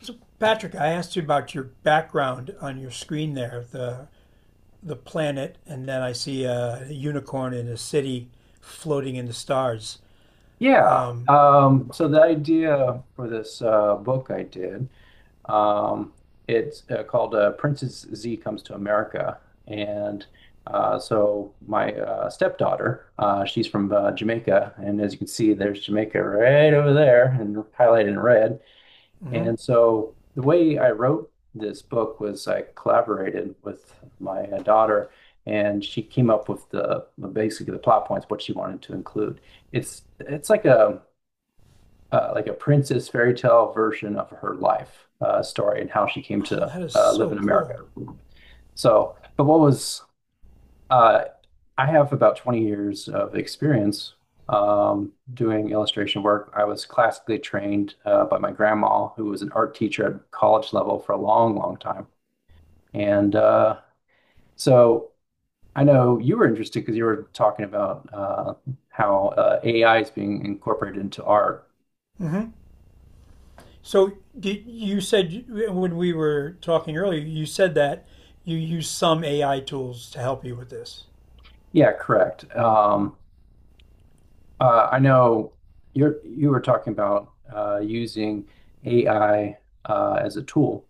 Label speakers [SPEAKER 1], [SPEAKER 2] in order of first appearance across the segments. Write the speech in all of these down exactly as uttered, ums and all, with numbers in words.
[SPEAKER 1] So Patrick, I asked you about your background on your screen there, the the planet, and then I see a unicorn in a city floating in the stars.
[SPEAKER 2] Yeah. Um, so the idea for this uh, book I did, um, it's uh, called uh, Princess Z Comes to America. And uh, so my uh, stepdaughter, uh, she's from uh, Jamaica. And as you can see, there's Jamaica right over there and highlighted in red.
[SPEAKER 1] Hmm.
[SPEAKER 2] And so the way I wrote this book was I collaborated with my uh, daughter, and she came up with the basically the plot points, what she wanted to include. It's it's like a uh, like a princess fairy tale version of her life uh, story and how she came
[SPEAKER 1] Oh,
[SPEAKER 2] to
[SPEAKER 1] that is
[SPEAKER 2] uh, live in
[SPEAKER 1] so
[SPEAKER 2] America.
[SPEAKER 1] cool.
[SPEAKER 2] So, but what was uh, I have about twenty years of experience um, doing illustration work. I was classically trained uh, by my grandma, who was an art teacher at college level for a long, long time. And uh, so I know you were interested because you were talking about uh, how uh, A I is being incorporated into art.
[SPEAKER 1] Hmm. So you said when we were talking earlier, you said that you use some A I tools to help you with this.
[SPEAKER 2] Yeah, correct. Um, Uh, I know you're you were talking about uh, using A I as a tool,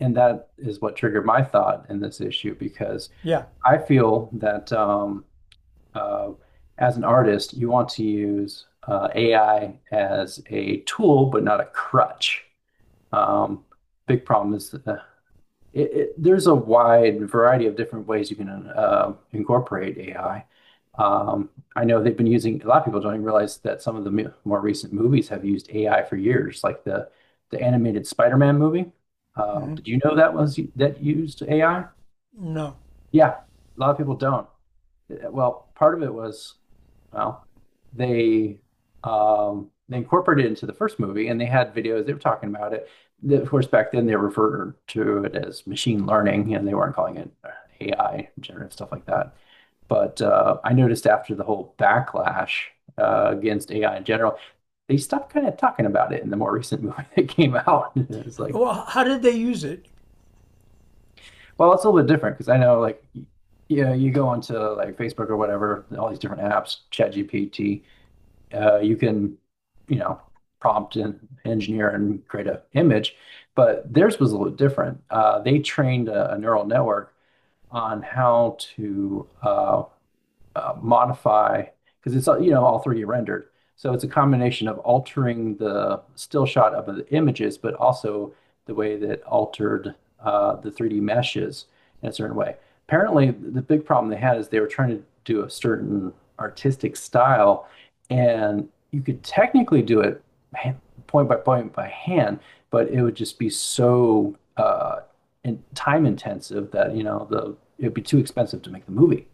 [SPEAKER 2] and that is what triggered my thought in this issue because
[SPEAKER 1] Yeah.
[SPEAKER 2] I feel that um, uh, as an artist, you want to use A I as a tool, but not a crutch. Um, Big problem is uh, it, it, there's a wide variety of different ways you can uh, incorporate A I. Um, I know they've been using, a lot of people don't even realize that some of the mo- more recent movies have used A I for years, like the the animated Spider-Man movie. Uh,
[SPEAKER 1] Hmm.
[SPEAKER 2] did you know that was that used A I?
[SPEAKER 1] No.
[SPEAKER 2] Yeah, a lot of people don't well, part of it was, well, they um they incorporated it into the first movie and they had videos, they were talking about it. The- Of course, back then they referred to it as machine learning and they weren't calling it A I, generative stuff like that. But uh, I noticed after the whole backlash uh, against A I in general, they stopped kind of talking about it in the more recent movie that came out. It's like,
[SPEAKER 1] Well, how did they use it?
[SPEAKER 2] well, it's a little bit different because I know like y- yeah, you go onto like Facebook or whatever, all these different apps, ChatGPT, uh, you can, you know, prompt an engineer and create a image, but theirs was a little different. Uh, they trained a, a neural network on how to uh, uh, modify because it's you know all three D rendered. So it's a combination of altering the still shot of the images, but also the way that it altered uh, the three D meshes in a certain way. Apparently, the big problem they had is they were trying to do a certain artistic style, and you could technically do it point by point by hand, but it would just be so uh, time intensive that you know the it would be too expensive to make the movie.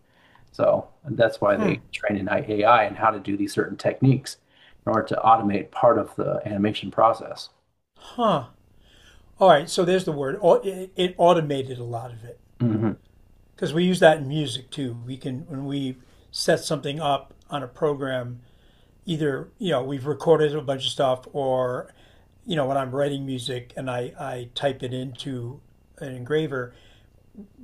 [SPEAKER 2] So that's why they train in A I and how to do these certain techniques in order to automate part of the animation process.
[SPEAKER 1] Huh. All right. So there's the word. It automated a lot of it,
[SPEAKER 2] Mhm.
[SPEAKER 1] because we use that in music too. We can, when we set something up on a program, either you know we've recorded a bunch of stuff, or you know when I'm writing music and I I type it into an engraver,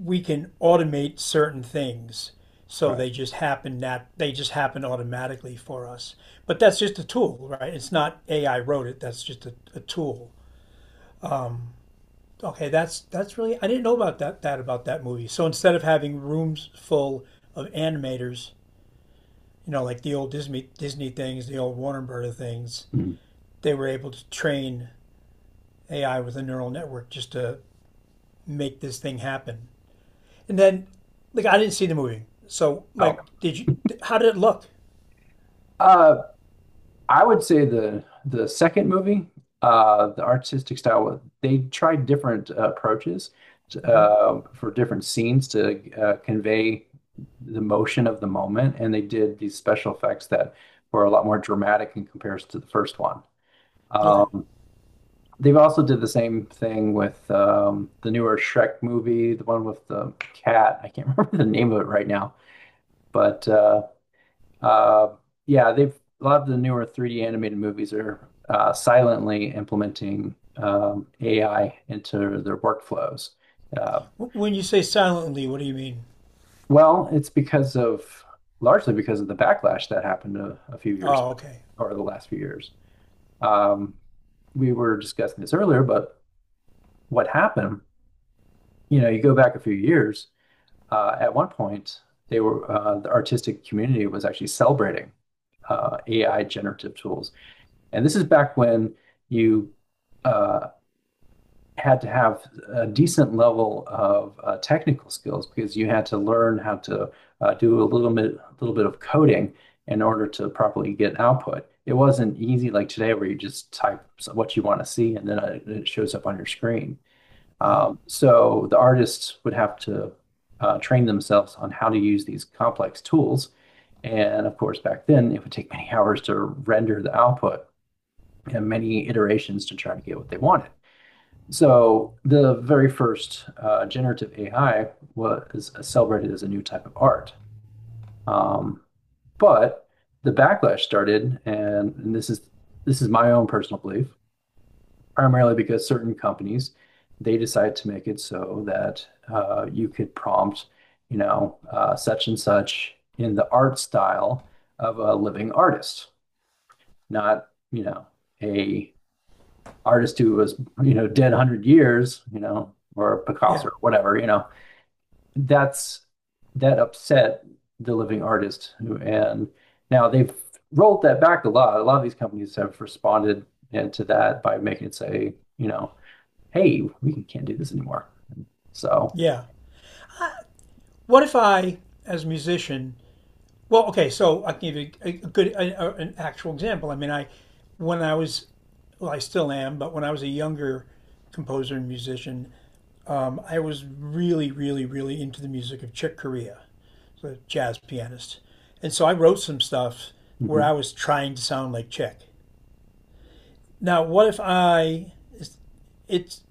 [SPEAKER 1] we can automate certain things so
[SPEAKER 2] Right.
[SPEAKER 1] they just happen that they just happen automatically for us. But that's just a tool, right? It's not A I wrote it. That's just a, a tool. Okay, that's that's really, I didn't know about that that about that movie. So instead of having rooms full of animators, you know, like the old Disney Disney things, the old Warner Brother things,
[SPEAKER 2] Mhm.
[SPEAKER 1] they were able to train A I with a neural network just to make this thing happen. And then, like, I didn't see the movie, so
[SPEAKER 2] Okay.
[SPEAKER 1] like, did you? How did it look?
[SPEAKER 2] Uh, I would say the the second movie, uh, the artistic style, well, they tried different uh, approaches to,
[SPEAKER 1] Hmm.
[SPEAKER 2] uh, for different scenes to uh, convey the motion of the moment, and they did these special effects that were a lot more dramatic in comparison to the first one.
[SPEAKER 1] Okay.
[SPEAKER 2] Um, They've also did the same thing with um, the newer Shrek movie, the one with the cat. I can't remember the name of it right now, but uh, uh, yeah, they've a lot of the newer three D animated movies are uh, silently implementing um, A I into their workflows. Uh,
[SPEAKER 1] W- When you say silently, what do you mean?
[SPEAKER 2] well, it's because of largely because of the backlash that happened a, a few years ago,
[SPEAKER 1] Oh, okay.
[SPEAKER 2] or the last few years. Um, we were discussing this earlier, but what happened? You know, you go back a few years uh, at one point, they were uh, the artistic community was actually celebrating uh, A I generative tools, and this is back when you uh, had to have a decent level of uh, technical skills because you had to learn how to uh, do a little bit, a little bit of coding in order to properly get output. It wasn't easy like today where you just type what you want to see and then uh, it shows up on your screen.
[SPEAKER 1] Hmm.
[SPEAKER 2] Um, So the artists would have to uh, train themselves on how to use these complex tools. And of course, back then, it would take many hours to render the output and many iterations to try to get what they wanted. So the very first uh, generative A I was celebrated as a new type of art. Um, but the backlash started, and, and this is this is my own personal belief, primarily because certain companies, they decide to make it so that uh, you could prompt, you know, uh, such and such in the art style of a living artist, not, you know, a artist who was, you know, dead one hundred years, you know, or
[SPEAKER 1] Yeah,
[SPEAKER 2] Picasso or whatever, you know. That's that upset the living artist. who- And now they've rolled that back a lot. A lot of these companies have responded and to that by making it say, you know, hey, we can't do this anymore. So,
[SPEAKER 1] yeah. What if I, as a musician, well, okay, so I can give you a good, a- an actual example. I mean, I, when I was, well, I still am, but when I was a younger composer and musician, I was really, really, really into the music of Chick Corea, the jazz pianist, and so I wrote some stuff where
[SPEAKER 2] mhm.
[SPEAKER 1] I was trying to sound like Chick. Now, what if I? It's,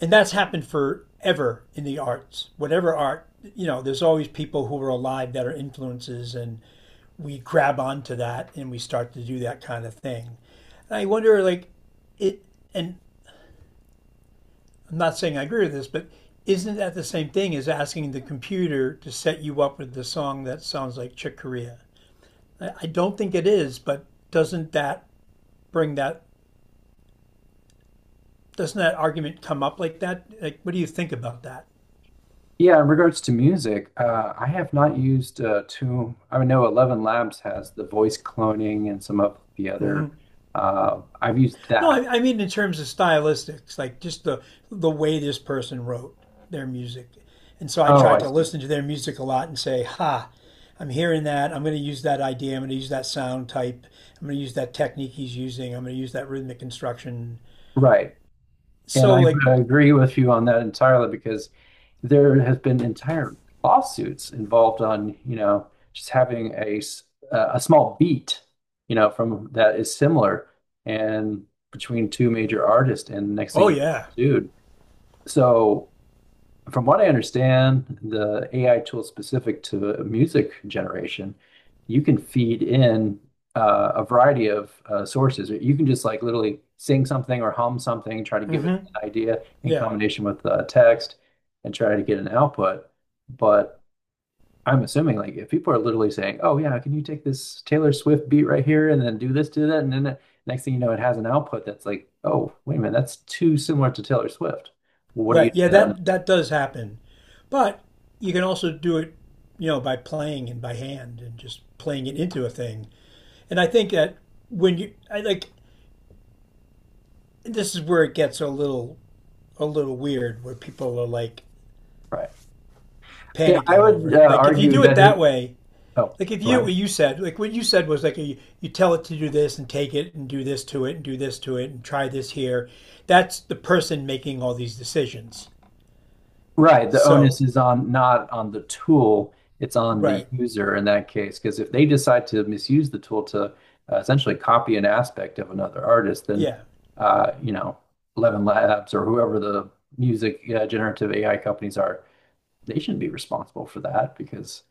[SPEAKER 1] and that's happened forever in the arts, whatever art. You know, there's always people who are alive that are influences and we grab onto that and we start to do that kind of thing. And I wonder, like, it, and I'm not saying I agree with this, but isn't that the same thing as asking the computer to set you up with the song that sounds like Chick Corea? I, I don't think it is, but doesn't that bring that, doesn't that argument come up like that? Like, what do you think about that?
[SPEAKER 2] Yeah, in regards to music, uh, I have not used uh, too. I know Eleven Labs has the voice cloning and some of the other. Uh, I've used
[SPEAKER 1] No,
[SPEAKER 2] that.
[SPEAKER 1] I, I mean in terms of stylistics, like just the the way this person wrote their music. And so I
[SPEAKER 2] Oh,
[SPEAKER 1] tried
[SPEAKER 2] I
[SPEAKER 1] to
[SPEAKER 2] see.
[SPEAKER 1] listen to their music a lot and say, "Ha, I'm hearing that. I'm going to use that idea. I'm going to use that sound type. I'm going to use that technique he's using. I'm going to use that rhythmic construction."
[SPEAKER 2] Right. And
[SPEAKER 1] So
[SPEAKER 2] I,
[SPEAKER 1] like,
[SPEAKER 2] I agree with you on that entirely because there has been entire lawsuits involved on, you know, just having a uh, a small beat, you know, from that is similar and between two major artists, and next thing
[SPEAKER 1] oh
[SPEAKER 2] you are
[SPEAKER 1] yeah.
[SPEAKER 2] sued. So from what I understand, the A I tool specific to music generation, you can feed in uh, a variety of uh, sources. You can just like literally sing something or hum something, try to give it
[SPEAKER 1] Mm-hmm,
[SPEAKER 2] an idea in
[SPEAKER 1] yeah,
[SPEAKER 2] combination with uh, text and try to get an output. But I'm assuming like if people are literally saying, "Oh yeah, can you take this Taylor Swift beat right here and then do this, do that," and then the next thing you know, it has an output that's like, "Oh, wait a minute, that's too similar to Taylor Swift." Well, what do
[SPEAKER 1] right,
[SPEAKER 2] you do
[SPEAKER 1] yeah,
[SPEAKER 2] then?
[SPEAKER 1] that that does happen, but you can also do it, you know, by playing and by hand and just playing it into a thing. And I think that when you, I like, this is where it gets a little a little weird where people are like
[SPEAKER 2] Right. Yeah, I
[SPEAKER 1] panicking over
[SPEAKER 2] would
[SPEAKER 1] it.
[SPEAKER 2] uh,
[SPEAKER 1] Like if you
[SPEAKER 2] argue
[SPEAKER 1] do it
[SPEAKER 2] that
[SPEAKER 1] that
[SPEAKER 2] it,
[SPEAKER 1] way,
[SPEAKER 2] oh,
[SPEAKER 1] like if
[SPEAKER 2] go
[SPEAKER 1] you,
[SPEAKER 2] ahead.
[SPEAKER 1] what you said, like what you said was like you, you tell it to do this and take it and do this to it and do this to it and try this here. That's the person making all these decisions.
[SPEAKER 2] Right, the onus
[SPEAKER 1] So,
[SPEAKER 2] is on not on the tool, it's on the
[SPEAKER 1] right.
[SPEAKER 2] user in that case. Because if they decide to misuse the tool to uh, essentially copy an aspect of another artist, then
[SPEAKER 1] Yeah.
[SPEAKER 2] uh, you know, Eleven Labs or whoever the music uh, generative A I companies are, they shouldn't be responsible for that because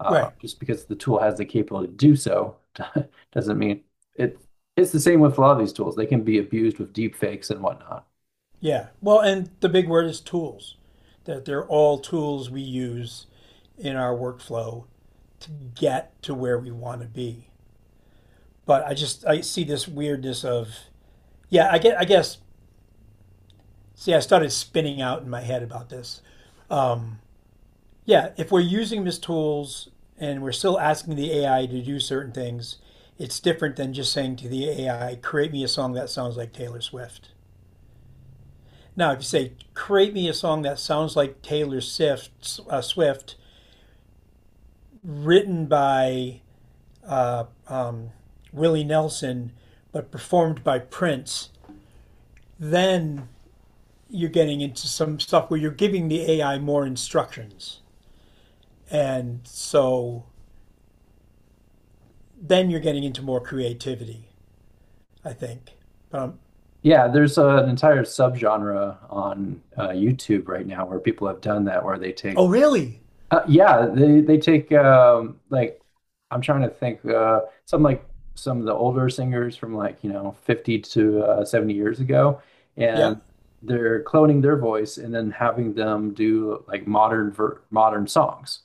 [SPEAKER 2] Uh,
[SPEAKER 1] Right.
[SPEAKER 2] just because the tool has the capability to do so doesn't mean it. It's the same with a lot of these tools. They can be abused with deep fakes and whatnot.
[SPEAKER 1] Yeah. Well, and the big word is tools. That they're all tools we use in our workflow to get to where we want to be. But I just I see this weirdness of, yeah. I get, I guess, see I started spinning out in my head about this. Yeah, if we're using them tools and we're still asking the A I to do certain things, it's different than just saying to the A I, create me a song that sounds like Taylor Swift. Now, if you say, create me a song that sounds like Taylor Swift, uh, Swift written by uh, um, Willie Nelson, but performed by Prince, then you're getting into some stuff where you're giving the A I more instructions. And so then you're getting into more creativity, I think. Um,
[SPEAKER 2] Yeah, there's uh, an entire subgenre on uh, YouTube right now where people have done that, where they
[SPEAKER 1] oh,
[SPEAKER 2] take
[SPEAKER 1] really?
[SPEAKER 2] Uh, yeah, they they take um, like I'm trying to think uh, some like some of the older singers from like you know fifty to uh, seventy years ago,
[SPEAKER 1] Yeah.
[SPEAKER 2] and they're cloning their voice and then having them do like modern ver modern songs.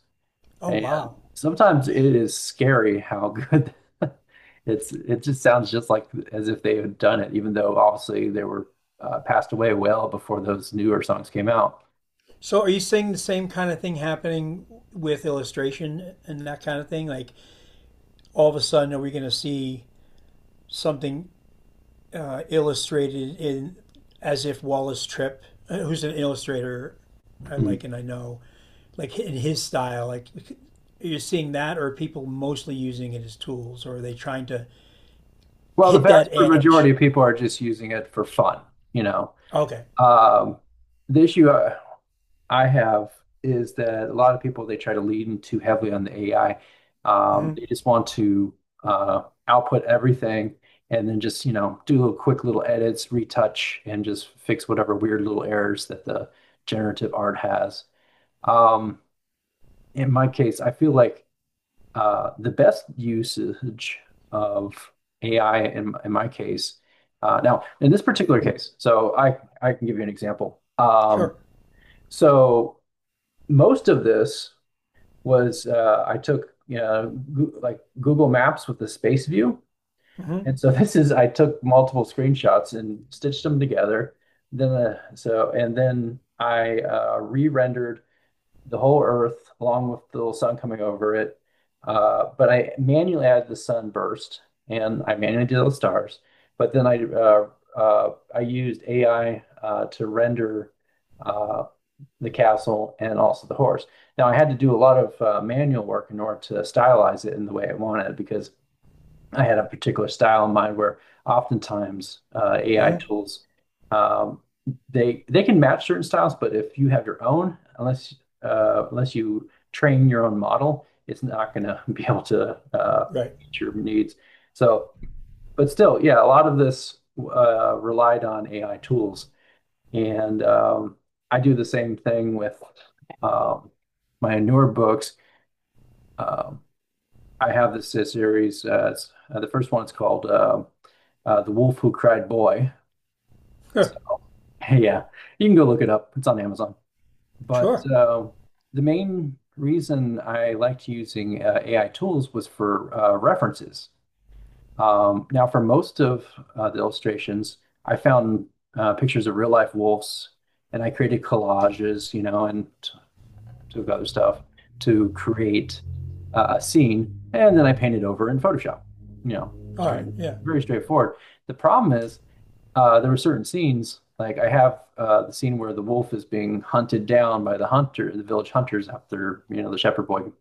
[SPEAKER 1] Oh,
[SPEAKER 2] And
[SPEAKER 1] wow.
[SPEAKER 2] sometimes it is scary how good it's it just sounds just like as if they had done it, even though obviously they were uh, passed away well before those newer songs came out.
[SPEAKER 1] So are you seeing the same kind of thing happening with illustration and that kind of thing? Like all of a sudden, are we going to see something uh, illustrated in, as if Wallace Tripp, uh, who's an illustrator I like and I know, like in his style, like you are seeing that, or are people mostly using it as tools, or are they trying to
[SPEAKER 2] Well, the
[SPEAKER 1] hit
[SPEAKER 2] vast
[SPEAKER 1] that
[SPEAKER 2] majority
[SPEAKER 1] edge?
[SPEAKER 2] of people are just using it for fun, you know.
[SPEAKER 1] Okay,
[SPEAKER 2] Um, the issue uh, I have is that a lot of people they try to lean too heavily on the A I. Um, they
[SPEAKER 1] hmm,
[SPEAKER 2] just want to uh, output everything and then just, you know, do little quick little edits, retouch, and just fix whatever weird little errors that the generative art has. Um, in my case, I feel like uh, the best usage of A I in, in my case. Uh, now, in this particular case, so I, I can give you an example. Um,
[SPEAKER 1] sure,
[SPEAKER 2] so most of this was uh, I took you know, Goo- like Google Maps with the space view,
[SPEAKER 1] hmm,
[SPEAKER 2] and so this is I took multiple screenshots and stitched them together. Then uh, so and then I uh, re-rendered the whole Earth along with the little sun coming over it. Uh, but I manually added the sun burst and I manually did those stars. But then I uh, uh, I used A I uh, to render uh, the castle and also the horse. Now I had to do a lot of uh, manual work in order to stylize it in the way I wanted because I had a particular style in mind where oftentimes A I
[SPEAKER 1] hmm,
[SPEAKER 2] tools, um, they they can match certain styles, but if you have your own, unless uh, unless you train your own model, it's not going to be able to uh,
[SPEAKER 1] right,
[SPEAKER 2] meet your needs. So, but still, yeah, a lot of this uh, relied on A I tools. and um, I do the same thing with um, my newer books. Uh, I have this uh, series. Uh, it's, uh, the first one's called uh, uh, "The Wolf Who Cried Boy."
[SPEAKER 1] huh,
[SPEAKER 2] So, yeah, you can go look it up. It's on Amazon. But
[SPEAKER 1] sure,
[SPEAKER 2] uh, the main reason I liked using uh, A I tools was for uh, references. Um, now, for most of uh, the illustrations, I found uh, pictures of real life wolves, and I created collages, you know, and to other stuff to create uh, a scene, and then I paint it over in Photoshop. You know,
[SPEAKER 1] all
[SPEAKER 2] straight,
[SPEAKER 1] right, yeah.
[SPEAKER 2] very straightforward. The problem is uh, there were certain scenes, like I have uh, the scene where the wolf is being hunted down by the hunter, the village hunters after, you know, the shepherd boy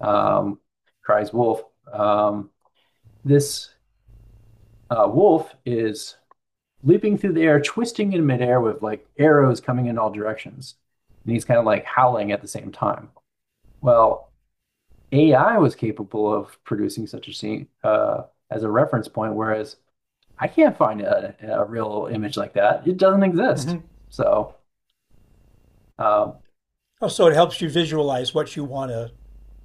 [SPEAKER 2] um, cries wolf. Um, this uh, wolf is leaping through the air, twisting in midair with like arrows coming in all directions. And he's kind of like howling at the same time. Well, A I was capable of producing such a scene uh, as a reference point, whereas I can't find a, a real image like that. It doesn't exist.
[SPEAKER 1] Hmm.
[SPEAKER 2] So, um,
[SPEAKER 1] Oh, so it helps you visualize what you want to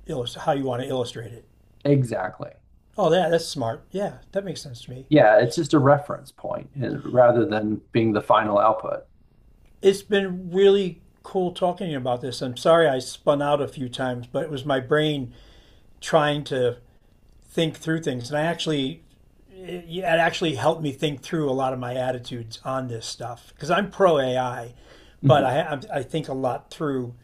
[SPEAKER 1] illustrate, how you want to illustrate it.
[SPEAKER 2] exactly.
[SPEAKER 1] Oh, yeah, that's smart. Yeah, that makes sense to me.
[SPEAKER 2] Yeah, it's just a reference point and rather than being the final output.
[SPEAKER 1] It's been really cool talking about this. I'm sorry I spun out a few times, but it was my brain trying to think through things and I actually, it actually helped me think through a lot of my attitudes on this stuff because I'm pro A I, but
[SPEAKER 2] Mhm.
[SPEAKER 1] I i think a lot through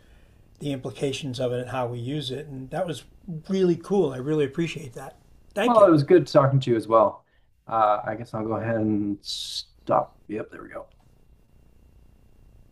[SPEAKER 1] the implications of it and how we use it and that was really cool. I really appreciate that. Thank
[SPEAKER 2] Well, it
[SPEAKER 1] you.
[SPEAKER 2] was good talking to you as well. Uh, I guess I'll go ahead and stop. Yep, there we go.